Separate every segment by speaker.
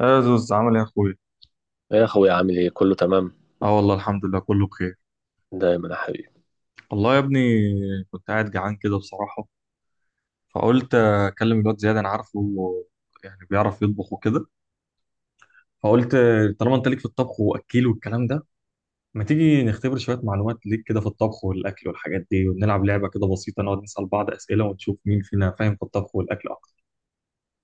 Speaker 1: يا زوز عامل ايه يا اخويا؟
Speaker 2: إيه يا اخويا، عامل ايه؟ كله تمام
Speaker 1: اه والله الحمد لله كله بخير،
Speaker 2: دايما يا حبيبي.
Speaker 1: والله يا ابني. كنت قاعد جعان كده بصراحة. فقلت اكلم الواد زياد، انا عارفه يعني بيعرف يطبخ وكده. فقلت طالما انت ليك في الطبخ واكيل والكلام ده، ما تيجي نختبر شوية معلومات ليك كده في الطبخ والاكل والحاجات دي، ونلعب لعبة كده بسيطة نقعد نسأل بعض أسئلة ونشوف مين فينا فاهم في الطبخ والاكل اكتر.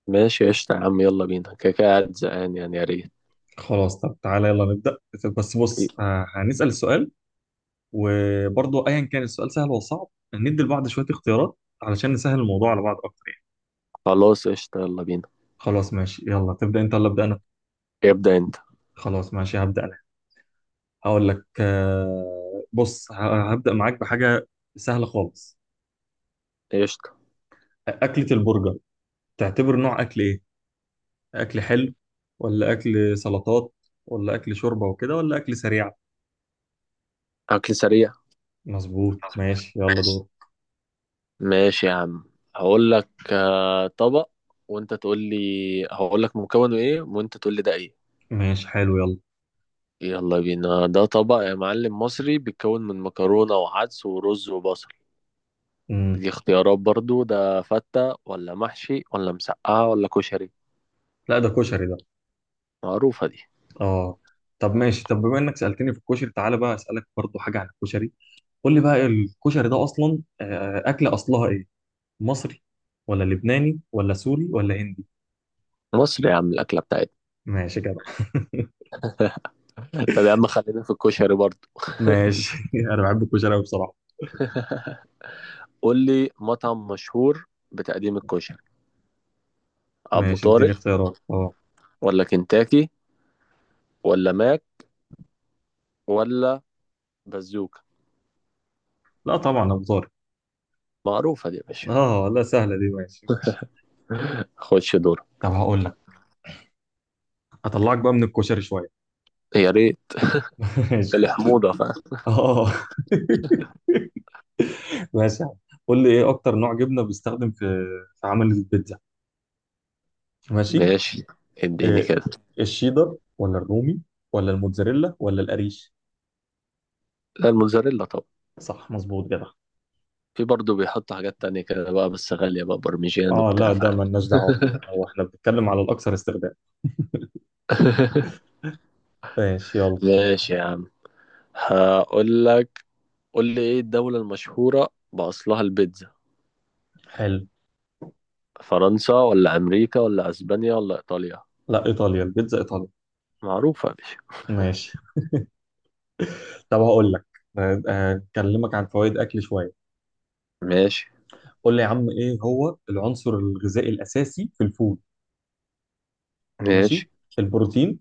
Speaker 2: ماشي قشطة يا عم، يلا بينا، كده كده قاعد زهقان يعني، يا ريت.
Speaker 1: خلاص طب تعالى يلا نبدأ. بس
Speaker 2: إيه؟
Speaker 1: بص، هنسأل السؤال. وبرضه ايا كان السؤال سهل ولا صعب، ندي لبعض شوية اختيارات علشان نسهل الموضوع على بعض اكتر.
Speaker 2: خلاص قشطة، يلا بينا.
Speaker 1: خلاص ماشي، يلا تبدأ انت ولا ابدأ انا؟
Speaker 2: ابدأ انت.
Speaker 1: خلاص ماشي هبدأ انا. هقول لك، بص هبدأ معاك بحاجة سهلة خالص.
Speaker 2: قشطة.
Speaker 1: أكلة البرجر تعتبر نوع أكل إيه؟ أكل حلو ولا أكل سلطات ولا أكل شوربة وكده ولا أكل سريع؟
Speaker 2: اكل سريع.
Speaker 1: مظبوط
Speaker 2: مظبوط.
Speaker 1: ماشي يلا
Speaker 2: ماشي.
Speaker 1: دور.
Speaker 2: ماشي يا عم. هقول لك طبق، وانت تقول لي، هقول لك مكونه ايه وانت تقول لي ده ايه.
Speaker 1: ماشي حلو يلا.
Speaker 2: يلا بينا، ده طبق يا معلم مصري بيتكون من مكرونة وعدس ورز وبصل.
Speaker 1: مم.
Speaker 2: دي اختيارات برضو، ده فتة ولا محشي ولا مسقعة ولا كشري؟
Speaker 1: لا ده كشري ده.
Speaker 2: معروفة دي.
Speaker 1: اه. طب ماشي، طب بما انك سألتني في الكشري تعالى بقى أسألك برضو حاجة عن الكشري. قول لي بقى الكشري ده أصلا، أكلة أصلها إيه؟ مصري ولا لبناني ولا سوري ولا هندي؟
Speaker 2: مصر يا عم، الأكلة بتاعتنا.
Speaker 1: ماشي كده.
Speaker 2: طب يا عم خلينا في الكشري برضه.
Speaker 1: ماشي انا بحب الكشري أوي بصراحه.
Speaker 2: قول لي مطعم مشهور بتقديم الكشري. أبو
Speaker 1: ماشي اديني
Speaker 2: طارق
Speaker 1: اختيارات اه.
Speaker 2: ولا كنتاكي ولا ماك ولا بازوكا؟
Speaker 1: لا طبعا ابو طارق.
Speaker 2: معروفة دي يا باشا.
Speaker 1: اه لا سهله دي، ماشي ماشي.
Speaker 2: خش دور.
Speaker 1: طب هقول لك، اطلعك بقى من الكشري شويه.
Speaker 2: يا ريت.
Speaker 1: ماشي.
Speaker 2: الحموضة فاهم.
Speaker 1: اه. ماشي يا عم. قول لي ايه اكتر نوع جبنه بيستخدم في عمل البيتزا؟ ماشي
Speaker 2: ماشي اديني
Speaker 1: إيه؟
Speaker 2: كده.
Speaker 1: الشيدر ولا الرومي ولا الموتزاريلا ولا القريش؟
Speaker 2: لا، الموزاريلا طبعا.
Speaker 1: صح مظبوط كده.
Speaker 2: في برضه بيحط حاجات تانية كده بقى، بس غالية بقى، برمجان
Speaker 1: اه
Speaker 2: وبتاع
Speaker 1: لا ده
Speaker 2: فاهم.
Speaker 1: مالناش دعوه بيه، هو احنا بنتكلم على الاكثر استخدام. ماشي يلا.
Speaker 2: ماشي يا عم، هقول لك. قول لي ايه الدولة المشهورة بأصلها البيتزا؟
Speaker 1: حلو.
Speaker 2: فرنسا ولا أمريكا ولا أسبانيا ولا إيطاليا؟
Speaker 1: لا ايطاليا، البيتزا ايطاليا.
Speaker 2: معروفة يا باشا.
Speaker 1: ماشي طب هقول لك، اكلمك عن فوائد اكل شويه.
Speaker 2: ماشي.
Speaker 1: قول لي يا عم ايه هو العنصر الغذائي الاساسي في الفول؟ ماشي.
Speaker 2: ماشي.
Speaker 1: البروتين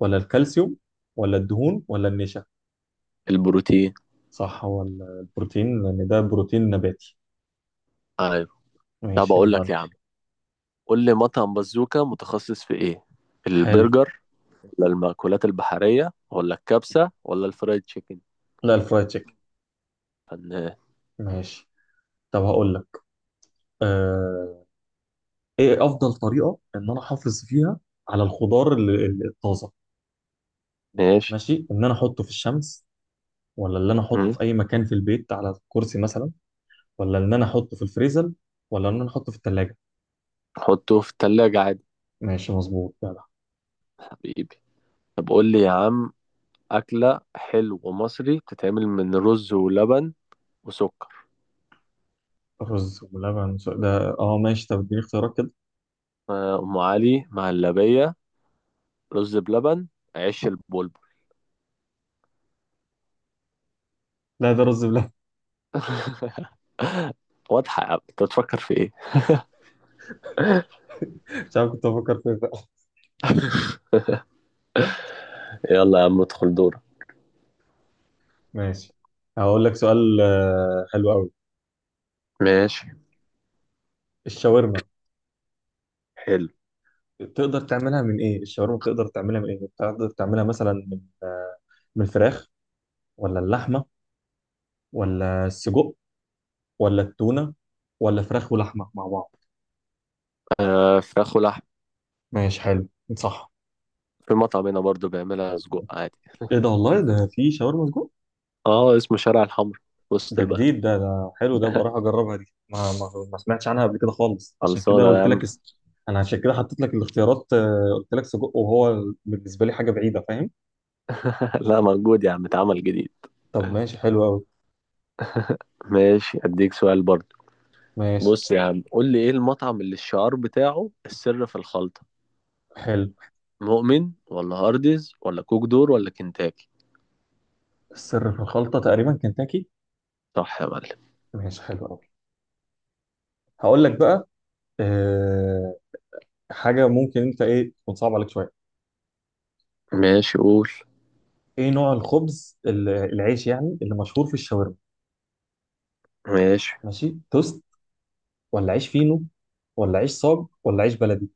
Speaker 1: ولا الكالسيوم ولا الدهون ولا النشا؟
Speaker 2: البروتين.
Speaker 1: صح، هو البروتين لان ده بروتين نباتي.
Speaker 2: أيوة. طب
Speaker 1: ماشي
Speaker 2: أقول
Speaker 1: يلا
Speaker 2: لك يا
Speaker 1: انت.
Speaker 2: عم. قول لي مطعم بازوكا متخصص في إيه؟
Speaker 1: حلو.
Speaker 2: البرجر ولا المأكولات البحرية ولا الكبسة ولا الفرايد تشيكن؟
Speaker 1: لا الفرايد تشيكن.
Speaker 2: فنان.
Speaker 1: ماشي طب هقول لك، آه ايه افضل طريقه ان انا احافظ فيها على الخضار الطازه؟
Speaker 2: ماشي.
Speaker 1: ماشي، ان انا احطه في الشمس ولا اللي انا احطه
Speaker 2: مم.
Speaker 1: في اي مكان في البيت على كرسي مثلا ولا ان انا احطه في الفريزر ولا ان انا احطه في الثلاجه؟
Speaker 2: حطه في التلاجة عادي.
Speaker 1: ماشي مظبوط جدع.
Speaker 2: حبيبي. طب قول لي يا عم، أكلة حلو مصري بتتعمل من رز ولبن وسكر.
Speaker 1: رز ولبن ده. اه ماشي، طب اديني اختيارات كده.
Speaker 2: أم علي، مهلبية، رز بلبن، عيش البلبل.
Speaker 1: لا ده رز بلبن.
Speaker 2: واضحة يا عم، انت بتفكر في ايه؟
Speaker 1: مش عارف كنت بفكر فيه بقى.
Speaker 2: يلا يا عم ادخل دورة.
Speaker 1: ماشي. هقول لك سؤال، حلو قوي.
Speaker 2: ماشي
Speaker 1: الشاورما،
Speaker 2: حلو.
Speaker 1: تقدر تعملها من ايه؟ الشاورما بتقدر تعملها من ايه؟ بتقدر تعملها مثلا من، من الفراخ ولا اللحمه ولا السجق ولا التونه ولا فراخ ولحمه مع بعض؟
Speaker 2: آه، فراخ ولحم.
Speaker 1: ماشي حلو. صح.
Speaker 2: في مطعم هنا برضه بيعملها سجق عادي.
Speaker 1: ايه ده، والله ده في شاورما سجق؟
Speaker 2: اه، اسمه شارع الحمر، في وسط
Speaker 1: ده
Speaker 2: البلد.
Speaker 1: جديد ده، ده حلو ده بقى، راح اجربها دي، ما سمعتش عنها قبل كده خالص، عشان كده
Speaker 2: خلصانة يا
Speaker 1: قلت لك
Speaker 2: عم.
Speaker 1: اس... انا عشان كده حطيت لك الاختيارات، قلت لك سجق وهو بالنسبه لي حاجه بعيده فاهم.
Speaker 2: لا، موجود يا عم، اتعمل جديد.
Speaker 1: طب ماشي حلو قوي.
Speaker 2: ماشي اديك سؤال برضه.
Speaker 1: ماشي
Speaker 2: بص يا عم، قول لي ايه المطعم اللي الشعار بتاعه السر في الخلطة؟
Speaker 1: حلو.
Speaker 2: مؤمن ولا هارديز ولا كوك دور ولا كنتاكي؟
Speaker 1: السر في الخلطه تقريبا كنتاكي.
Speaker 2: صح يا معلم.
Speaker 1: ماشي حلو قوي. هقول لك بقى أه... حاجه ممكن انت ايه تكون صعبه عليك شويه.
Speaker 2: ماشي قول.
Speaker 1: ايه نوع الخبز العيش يعني اللي مشهور في الشاورما؟
Speaker 2: ماشي.
Speaker 1: ماشي توست ولا عيش فينو ولا عيش صاج ولا عيش بلدي؟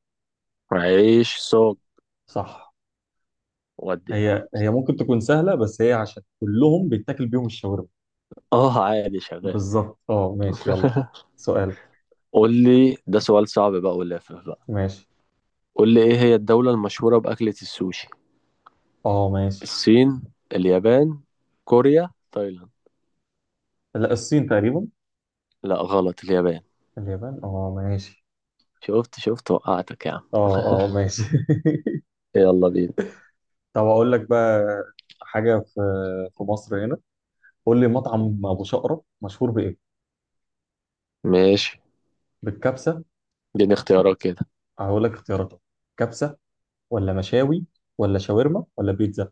Speaker 2: عيش سوق.
Speaker 1: صح.
Speaker 2: ودي يا عم.
Speaker 1: هي هي ممكن تكون سهلة، بس هي عشان كلهم بيتاكل بيهم الشاورما.
Speaker 2: اه عادي شغال.
Speaker 1: بالظبط اه ماشي يلا. سؤال.
Speaker 2: قول لي، ده سؤال صعب بقى ولافف بقى.
Speaker 1: ماشي
Speaker 2: قول لي ايه هي الدولة المشهورة بأكلة السوشي؟
Speaker 1: اه ماشي.
Speaker 2: الصين، اليابان، كوريا، تايلاند؟
Speaker 1: لا الصين تقريبا.
Speaker 2: لا غلط، اليابان.
Speaker 1: اليابان اه ماشي.
Speaker 2: شفت شفت وقعتك يا عم.
Speaker 1: اه اه ماشي
Speaker 2: يلا بينا.
Speaker 1: طب اقول لك بقى حاجة في مصر هنا. قول لي مطعم ابو شقرة مشهور بايه؟
Speaker 2: ماشي،
Speaker 1: بالكبسة.
Speaker 2: اديني اختيارات كده.
Speaker 1: هقول لك اختياراتها. كبسة ولا مشاوي ولا شاورما ولا بيتزا؟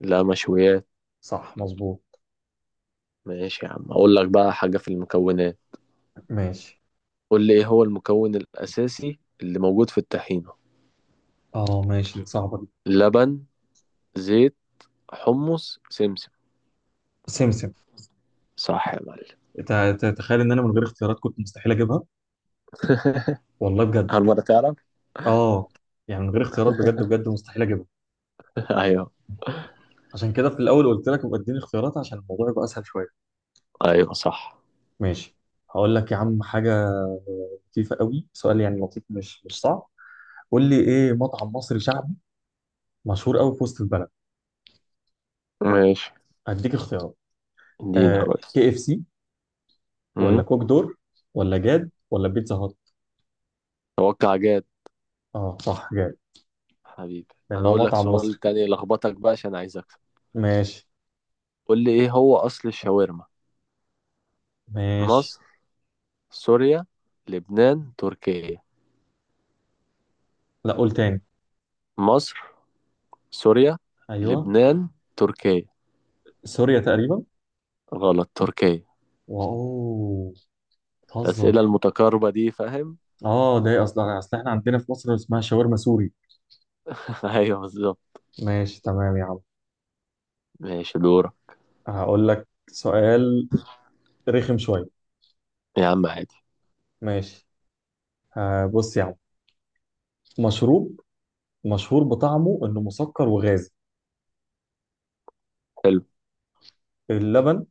Speaker 2: لا، مشويات.
Speaker 1: صح مظبوط.
Speaker 2: ماشي يا عم، اقول لك بقى حاجة في المكونات.
Speaker 1: ماشي،
Speaker 2: قول لي ايه هو المكون الأساسي اللي موجود في الطحينة؟
Speaker 1: اه ماشي صعبة دي.
Speaker 2: لبن، زيت، حمص، سمسم.
Speaker 1: سمسم.
Speaker 2: صح يا معلم.
Speaker 1: تخيل ان انا من غير اختيارات كنت مستحيل اجيبها، والله بجد.
Speaker 2: هل مرة تعرف؟
Speaker 1: اه. يعني من غير اختيارات بجد بجد مستحيل اجيبها.
Speaker 2: ايوه.
Speaker 1: عشان كده في الاول قلت لك ابقى اديني اختيارات عشان الموضوع يبقى اسهل شويه.
Speaker 2: ايوه صح.
Speaker 1: ماشي. هقول لك يا عم حاجه لطيفه قوي، سؤال يعني لطيف مش صعب. قول لي ايه مطعم مصري شعبي مشهور قوي في وسط البلد؟
Speaker 2: ماشي.
Speaker 1: هديك اختيارات.
Speaker 2: اديني يا ريس.
Speaker 1: كي اف سي ولا كوك دور ولا جاد ولا بيتزا هات؟
Speaker 2: توقع جاد.
Speaker 1: اه صح جاد.
Speaker 2: حبيبي.
Speaker 1: لان
Speaker 2: انا
Speaker 1: هو
Speaker 2: اقول لك
Speaker 1: مطعم مصري.
Speaker 2: سؤال تاني لخبطك بقى، عشان عايز اكسب.
Speaker 1: ماشي
Speaker 2: قول لي ايه هو اصل الشاورما؟
Speaker 1: ماشي.
Speaker 2: مصر، سوريا، لبنان، تركيا.
Speaker 1: لا قول تاني.
Speaker 2: مصر، سوريا،
Speaker 1: ايوه
Speaker 2: لبنان، تركيا.
Speaker 1: سوريا تقريبا.
Speaker 2: غلط، تركيا.
Speaker 1: واو، بتهزر.
Speaker 2: الاسئله المتقاربه دي فاهم.
Speaker 1: اه، ده ايه، اصل احنا عندنا في مصر اسمها شاورما سوري.
Speaker 2: ايوه بالظبط.
Speaker 1: ماشي تمام يا عم.
Speaker 2: ماشي دورة.
Speaker 1: هقول لك سؤال رخم شويه.
Speaker 2: يا عم عادي.
Speaker 1: ماشي، بص يا عم. مشروب مشهور بطعمه انه مسكر وغازي.
Speaker 2: حلو.
Speaker 1: اللبن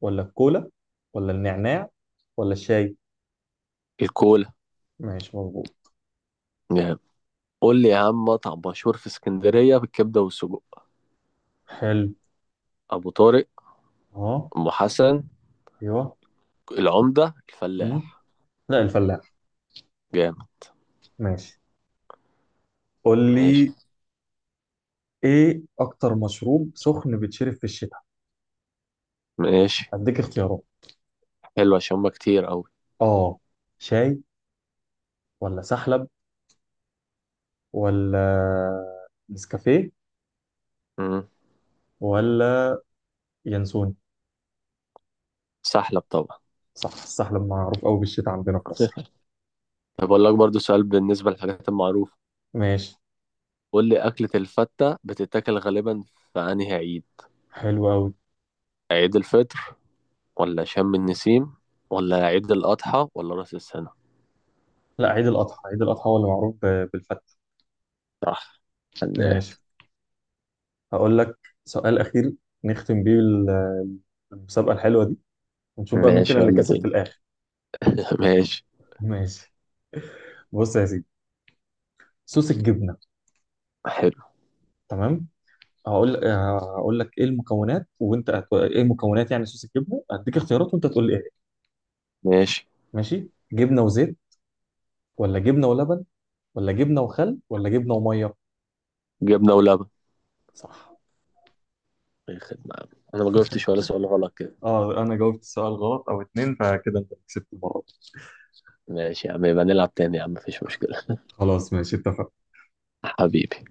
Speaker 1: ولا الكولا ولا النعناع ولا الشاي؟
Speaker 2: الكولا.
Speaker 1: ماشي مظبوط.
Speaker 2: نعم. قول لي يا عم، مطعم مشهور في اسكندريه بالكبده والسجق.
Speaker 1: حلو
Speaker 2: ابو طارق،
Speaker 1: اه
Speaker 2: ام حسن،
Speaker 1: ايوه.
Speaker 2: العمده،
Speaker 1: مم.
Speaker 2: الفلاح.
Speaker 1: لا الفلاح.
Speaker 2: جامد.
Speaker 1: ماشي، قول
Speaker 2: ماشي.
Speaker 1: لي ايه اكتر مشروب سخن بيتشرب في الشتاء؟
Speaker 2: ماشي.
Speaker 1: اديك اختيارات.
Speaker 2: حلو، عشان هما كتير أوي.
Speaker 1: اه، شاي ولا سحلب ولا نسكافيه
Speaker 2: امم.
Speaker 1: ولا ينسون؟
Speaker 2: سحلب طبعا.
Speaker 1: صح، السحلب معروف قوي بالشتاء عندنا في مصر.
Speaker 2: طب أقول لك برضو سؤال بالنسبة للحاجات المعروفة.
Speaker 1: ماشي
Speaker 2: قول لي أكلة الفتة بتتاكل غالبا في أنهي عيد؟
Speaker 1: حلو قوي.
Speaker 2: عيد الفطر ولا شم النسيم ولا عيد الأضحى ولا رأس السنة؟
Speaker 1: لا عيد الأضحى، عيد الأضحى هو اللي معروف بالفتة.
Speaker 2: صح. فنان.
Speaker 1: ماشي، هقول لك سؤال أخير نختم بيه المسابقة الحلوة دي، ونشوف بقى مين فينا
Speaker 2: ماشي
Speaker 1: اللي
Speaker 2: يلا
Speaker 1: كسب في
Speaker 2: بينا.
Speaker 1: الآخر.
Speaker 2: ماشي.
Speaker 1: ماشي. بص يا سيدي، صوص الجبنة.
Speaker 2: حلو.
Speaker 1: تمام. هقول لك ايه المكونات، وانت ايه مكونات يعني صوص الجبنه، هديك اختيارات وانت تقول لي ايه.
Speaker 2: ماشي،
Speaker 1: ماشي، جبنه وزيت ولا جبنه ولبن ولا جبنه وخل ولا جبنه وميه؟
Speaker 2: جبنة ولبن.
Speaker 1: صح.
Speaker 2: أي خدمة يا عم. أنا ما جاوبتش ولا سؤال غلط كده.
Speaker 1: اه، انا جاوبت السؤال غلط او اتنين، فكده انت كسبت المره دي.
Speaker 2: ماشي يا عم، يبقى نلعب تاني يا عم، مفيش مشكلة.
Speaker 1: خلاص ماشي اتفق.
Speaker 2: حبيبي.